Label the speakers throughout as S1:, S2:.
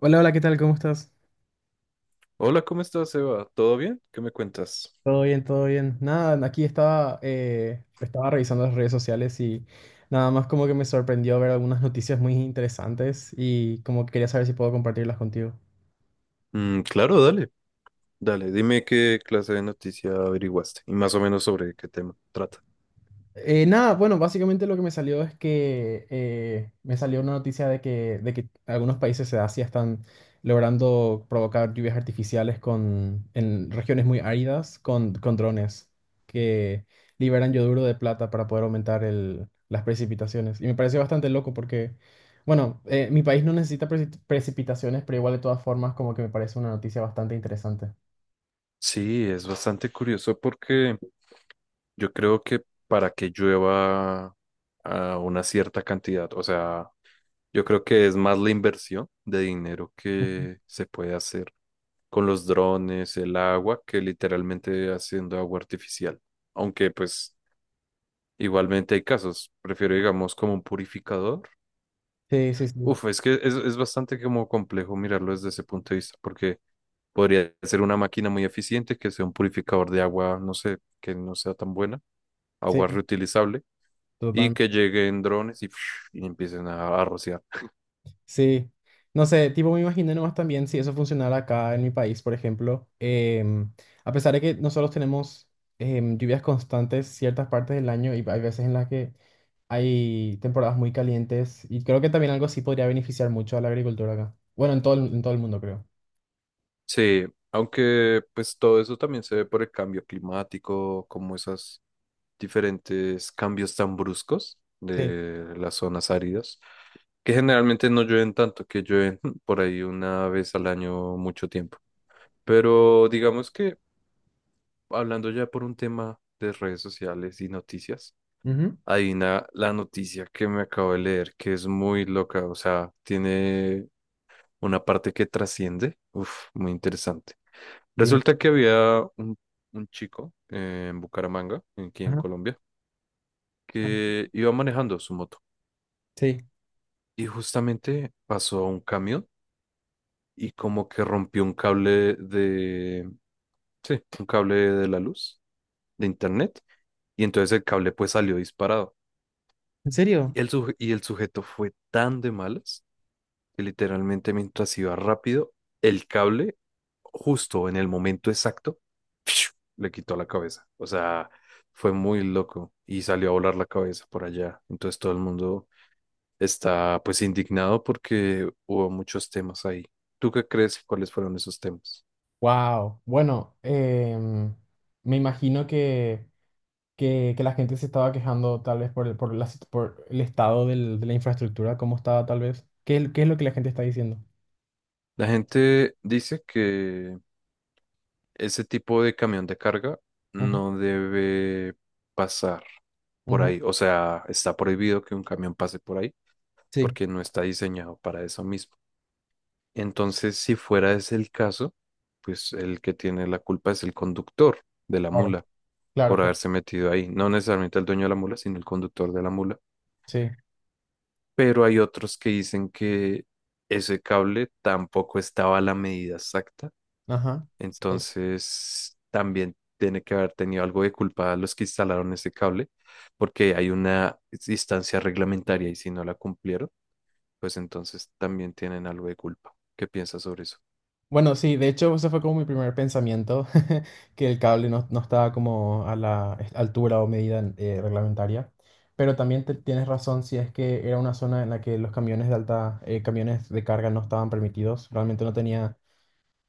S1: Hola, hola, ¿qué tal? ¿Cómo estás?
S2: Hola, ¿cómo estás, Eva? ¿Todo bien? ¿Qué me cuentas?
S1: Todo bien, todo bien. Nada, aquí estaba, estaba revisando las redes sociales y nada más como que me sorprendió ver algunas noticias muy interesantes y como que quería saber si puedo compartirlas contigo.
S2: Claro, dale, dale, dime qué clase de noticia averiguaste y más o menos sobre qué tema trata.
S1: Nada, bueno, básicamente lo que me salió es que me salió una noticia de que algunos países de Asia están logrando provocar lluvias artificiales con, en regiones muy áridas con drones que liberan yoduro de plata para poder aumentar las precipitaciones. Y me pareció bastante loco porque, bueno, mi país no necesita precipitaciones, pero igual de todas formas como que me parece una noticia bastante interesante.
S2: Sí, es bastante curioso porque yo creo que para que llueva a una cierta cantidad, o sea, yo creo que es más la inversión de dinero
S1: Ujú.
S2: que se puede hacer con los drones, el agua, que literalmente haciendo agua artificial. Aunque pues igualmente hay casos, prefiero digamos como un purificador.
S1: Sí, sí, sí,
S2: Uf, es que es bastante como complejo mirarlo desde ese punto de vista, porque podría ser una máquina muy eficiente, que sea un purificador de agua, no sé, que no sea tan buena,
S1: sí,
S2: agua reutilizable, y que
S1: totalmente.
S2: lleguen drones y, y empiecen a rociar.
S1: Sí, no sé, tipo me imagino nomás también si eso funcionara acá en mi país, por ejemplo, a pesar de que nosotros tenemos lluvias constantes ciertas partes del año y hay veces en las que hay temporadas muy calientes y creo que también algo así podría beneficiar mucho a la agricultura acá. Bueno, en todo el mundo creo.
S2: Sí, aunque pues todo eso también se ve por el cambio climático, como esos diferentes cambios tan bruscos
S1: Sí.
S2: de las zonas áridas, que generalmente no llueven tanto, que llueven por ahí una vez al año mucho tiempo. Pero digamos que hablando ya por un tema de redes sociales y noticias,
S1: Ujú.
S2: hay la noticia que me acabo de leer que es muy loca, o sea, tiene una parte que trasciende, uf, muy interesante.
S1: Dime.
S2: Resulta que había un chico en Bucaramanga, aquí en
S1: Ajá.
S2: Colombia,
S1: Ah,
S2: que iba manejando su moto
S1: sí.
S2: y justamente pasó a un camión y como que rompió un cable de, sí, un cable de la luz, de internet. Y entonces el cable pues salió disparado.
S1: ¿En serio?
S2: Y el sujeto fue tan de malas que literalmente mientras iba rápido, el cable, justo en el momento exacto, ¡fiu!, le quitó la cabeza. O sea, fue muy loco y salió a volar la cabeza por allá. Entonces todo el mundo está pues indignado porque hubo muchos temas ahí. ¿Tú qué crees? ¿Cuáles fueron esos temas?
S1: Wow, bueno, me imagino que... que la gente se estaba quejando tal vez por por la por el estado de la infraestructura, cómo estaba tal vez. ¿Qué, qué es lo que la gente está diciendo?
S2: La gente dice que ese tipo de camión de carga
S1: Ujú,
S2: no debe pasar por
S1: ujú.
S2: ahí. O sea, está prohibido que un camión pase por ahí
S1: Sí,
S2: porque no está diseñado para eso mismo. Entonces, si fuera ese el caso, pues el que tiene la culpa es el conductor de la
S1: claro,
S2: mula
S1: claro,
S2: por
S1: claro.
S2: haberse metido ahí. No necesariamente el dueño de la mula, sino el conductor de la mula.
S1: Sí,
S2: Pero hay otros que dicen que ese cable tampoco estaba a la medida exacta.
S1: ajá, sí.
S2: Entonces, también tiene que haber tenido algo de culpa los que instalaron ese cable, porque hay una distancia reglamentaria y si no la cumplieron, pues entonces también tienen algo de culpa. ¿Qué piensas sobre eso?
S1: Bueno, sí, de hecho, ese fue como mi primer pensamiento, que el cable no, no estaba como a la altura o medida reglamentaria. Pero también tienes razón si es que era una zona en la que los camiones de alta, camiones de carga no estaban permitidos. Realmente no tenía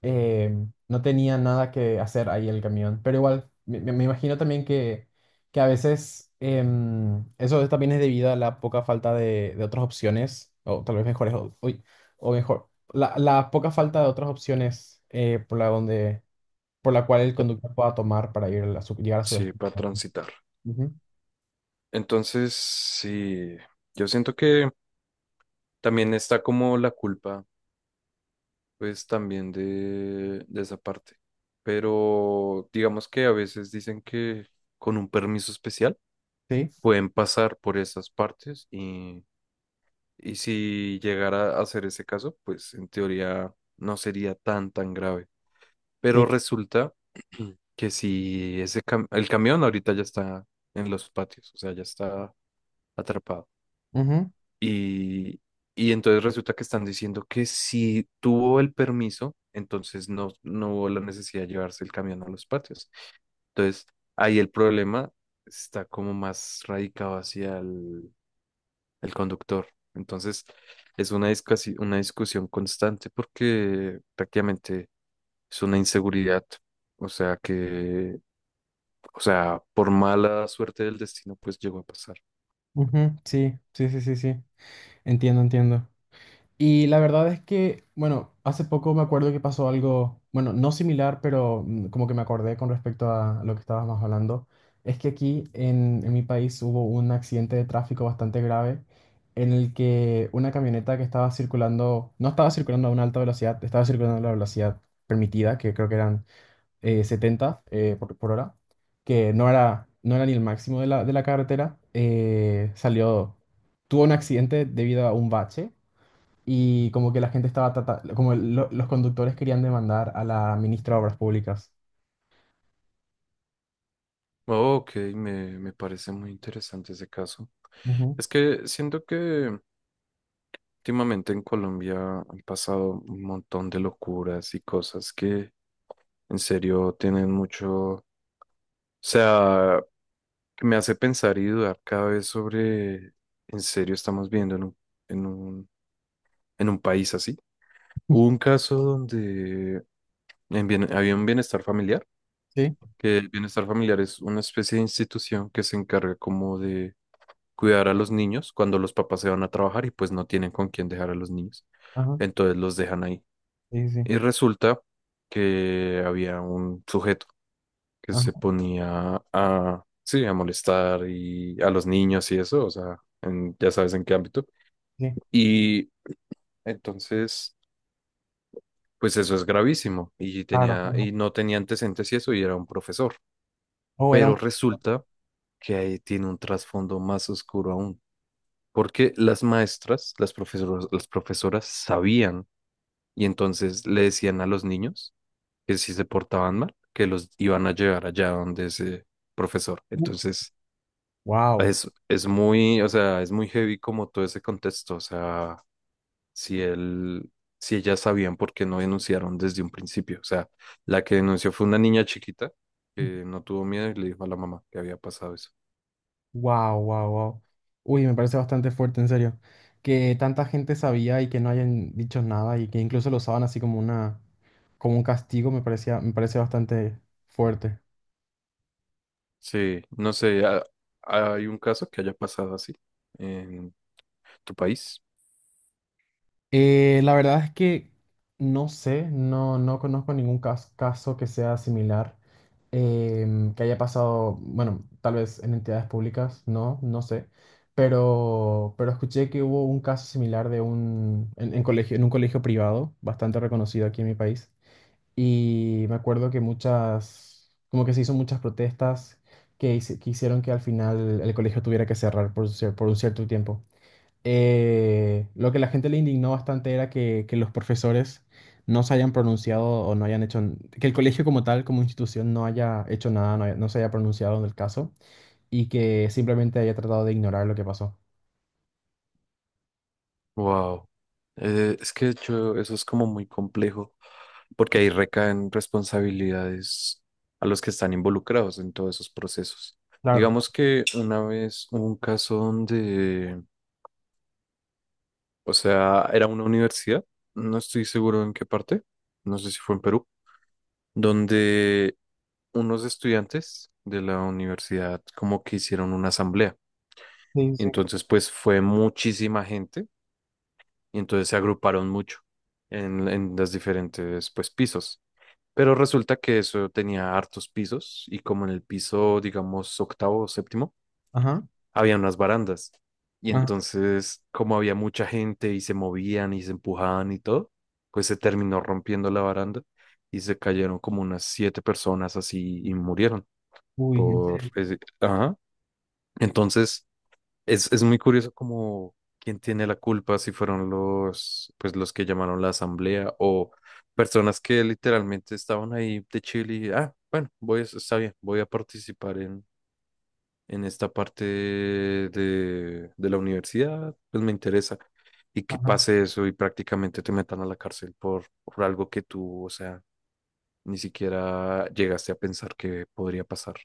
S1: eh, no tenía nada que hacer ahí el camión. Pero igual, me imagino también que a veces eso también es debido a la poca falta de otras opciones, o tal vez mejores, o, uy, o mejor, la poca falta de otras opciones por la donde, por la cual el conductor pueda tomar para ir a llegar a su
S2: Sí,
S1: destino.
S2: para transitar.
S1: Ujú,
S2: Entonces, sí, yo siento que también está como la culpa, pues también de esa parte. Pero digamos que a veces dicen que con un permiso especial
S1: sí,
S2: pueden pasar por esas partes. Y si llegara a ser ese caso, pues en teoría no sería tan, tan grave.
S1: sí.
S2: Pero resulta que si ese el camión ahorita ya está en los patios, o sea, ya está atrapado.
S1: Ujú,
S2: Y, y entonces resulta que están diciendo que si tuvo el permiso, entonces no, no hubo la necesidad de llevarse el camión a los patios. Entonces ahí el problema está como más radicado hacia el conductor. Entonces, es una una discusión constante porque prácticamente es una inseguridad. O sea que, o sea, por mala suerte del destino, pues llegó a pasar.
S1: ujú, sí, sí, sí, sí, sí. Entiendo, entiendo. Y la verdad es que, bueno, hace poco me acuerdo que pasó algo, bueno, no similar, pero mm, como que me acordé con respecto a lo que estabas más hablando. Es que aquí en mi país hubo un accidente de tráfico bastante grave en el que una camioneta que estaba circulando, no estaba circulando a una alta velocidad, estaba circulando a la velocidad permitida, que creo que eran 70 por hora, que no era, no era ni el máximo de de la carretera, salió, tuvo un accidente debido a un bache y como que la gente estaba, como los conductores querían demandar a la ministra de Obras Públicas.
S2: Ok, me parece muy interesante ese caso.
S1: Ujú,
S2: Es que siento que últimamente en Colombia han pasado un montón de locuras y cosas que en serio tienen mucho, o sea, que me hace pensar y dudar cada vez sobre, en serio, estamos viendo en en un, un país así. Hubo un caso donde había un bienestar familiar,
S1: sí,
S2: que el bienestar familiar es una especie de institución que se encarga como de cuidar a los niños cuando los papás se van a trabajar y pues no tienen con quién dejar a los niños.
S1: ajá,
S2: Entonces los dejan ahí.
S1: sí, sí,
S2: Y resulta que había un sujeto que se
S1: ajá,
S2: ponía a, sí, a molestar y a los niños y eso, o sea, en- ya sabes en qué ámbito.
S1: sí,
S2: Y entonces, pues eso es gravísimo y
S1: claro,
S2: tenía,
S1: claro.
S2: y no tenía antecedentes y eso, y era un profesor.
S1: Oh, era un...
S2: Pero resulta que ahí tiene un trasfondo más oscuro aún, porque las maestras, las profesoras sabían y entonces le decían a los niños que si se portaban mal, que los iban a llevar allá donde ese profesor. Entonces,
S1: Wow,
S2: es muy, o sea, es muy heavy como todo ese contexto. O sea, si él, si ellas sabían por qué no denunciaron desde un principio. O sea, la que denunció fue una niña chiquita que no tuvo miedo y le dijo a la mamá que había pasado eso.
S1: wow, wow, wow. Uy, me parece bastante fuerte, en serio. Que tanta gente sabía y que no hayan dicho nada y que incluso lo usaban así como una, como un castigo, me parecía, me parece bastante fuerte.
S2: Sí, no sé, ¿hay un caso que haya pasado así en tu país?
S1: La verdad es que no sé, no, no conozco ningún caso que sea similar, que haya pasado, bueno, tal vez en entidades públicas, no, no sé, pero escuché que hubo un caso similar de un, en colegio, en un colegio privado, bastante reconocido aquí en mi país, y me acuerdo que muchas, como que se hizo muchas protestas que, que hicieron que al final el colegio tuviera que cerrar por, por un cierto tiempo. Lo que la gente le indignó bastante era que los profesores no se hayan pronunciado o no hayan hecho, que el colegio como tal, como institución, no haya hecho nada, no, no se haya pronunciado en el caso y que simplemente haya tratado de ignorar lo que pasó.
S2: Wow. Es que de hecho eso es como muy complejo, porque ahí recaen responsabilidades a los que están involucrados en todos esos procesos.
S1: Claro.
S2: Digamos que una vez hubo un caso donde, o sea, era una universidad, no estoy seguro en qué parte, no sé si fue en Perú, donde unos estudiantes de la universidad como que hicieron una asamblea.
S1: Sí, sí.
S2: Entonces, pues fue muchísima gente y entonces se agruparon mucho en los diferentes pues pisos. Pero resulta que eso tenía hartos pisos y como en el piso, digamos, octavo o séptimo,
S1: Ajá.
S2: había unas barandas. Y
S1: Ah,
S2: entonces, como había mucha gente y se movían y se empujaban y todo, pues se terminó rompiendo la baranda y se cayeron como unas siete personas así y murieron
S1: uy, en
S2: por
S1: serio.
S2: ese- Ajá. Entonces, es muy curioso como quién tiene la culpa, si fueron los, pues los que llamaron la asamblea o personas que literalmente estaban ahí de Chile y, ah, bueno, está bien, voy a participar en esta parte de la universidad, pues me interesa. Y que
S1: Ajá.
S2: pase eso y prácticamente te metan a la cárcel por algo que tú, o sea, ni siquiera llegaste a pensar que podría pasar.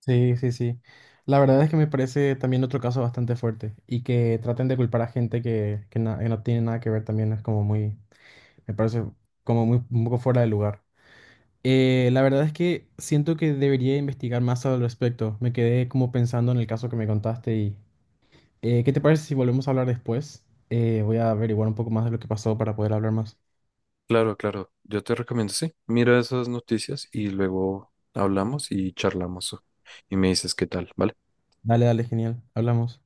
S1: Sí, sí, sí. La verdad es que me parece también otro caso bastante fuerte y que traten de culpar a gente que, que no tiene nada que ver también es como muy, me parece como muy un poco fuera de lugar. La verdad es que siento que debería investigar más al respecto. Me quedé como pensando en el caso que me contaste y ¿qué te parece si volvemos a hablar después? Voy a averiguar un poco más de lo que pasó para poder hablar más.
S2: Claro, claro. Yo te recomiendo, sí. Mira esas noticias y luego hablamos y charlamos. Y me dices qué tal, ¿vale?
S1: Dale, dale, genial. Hablamos.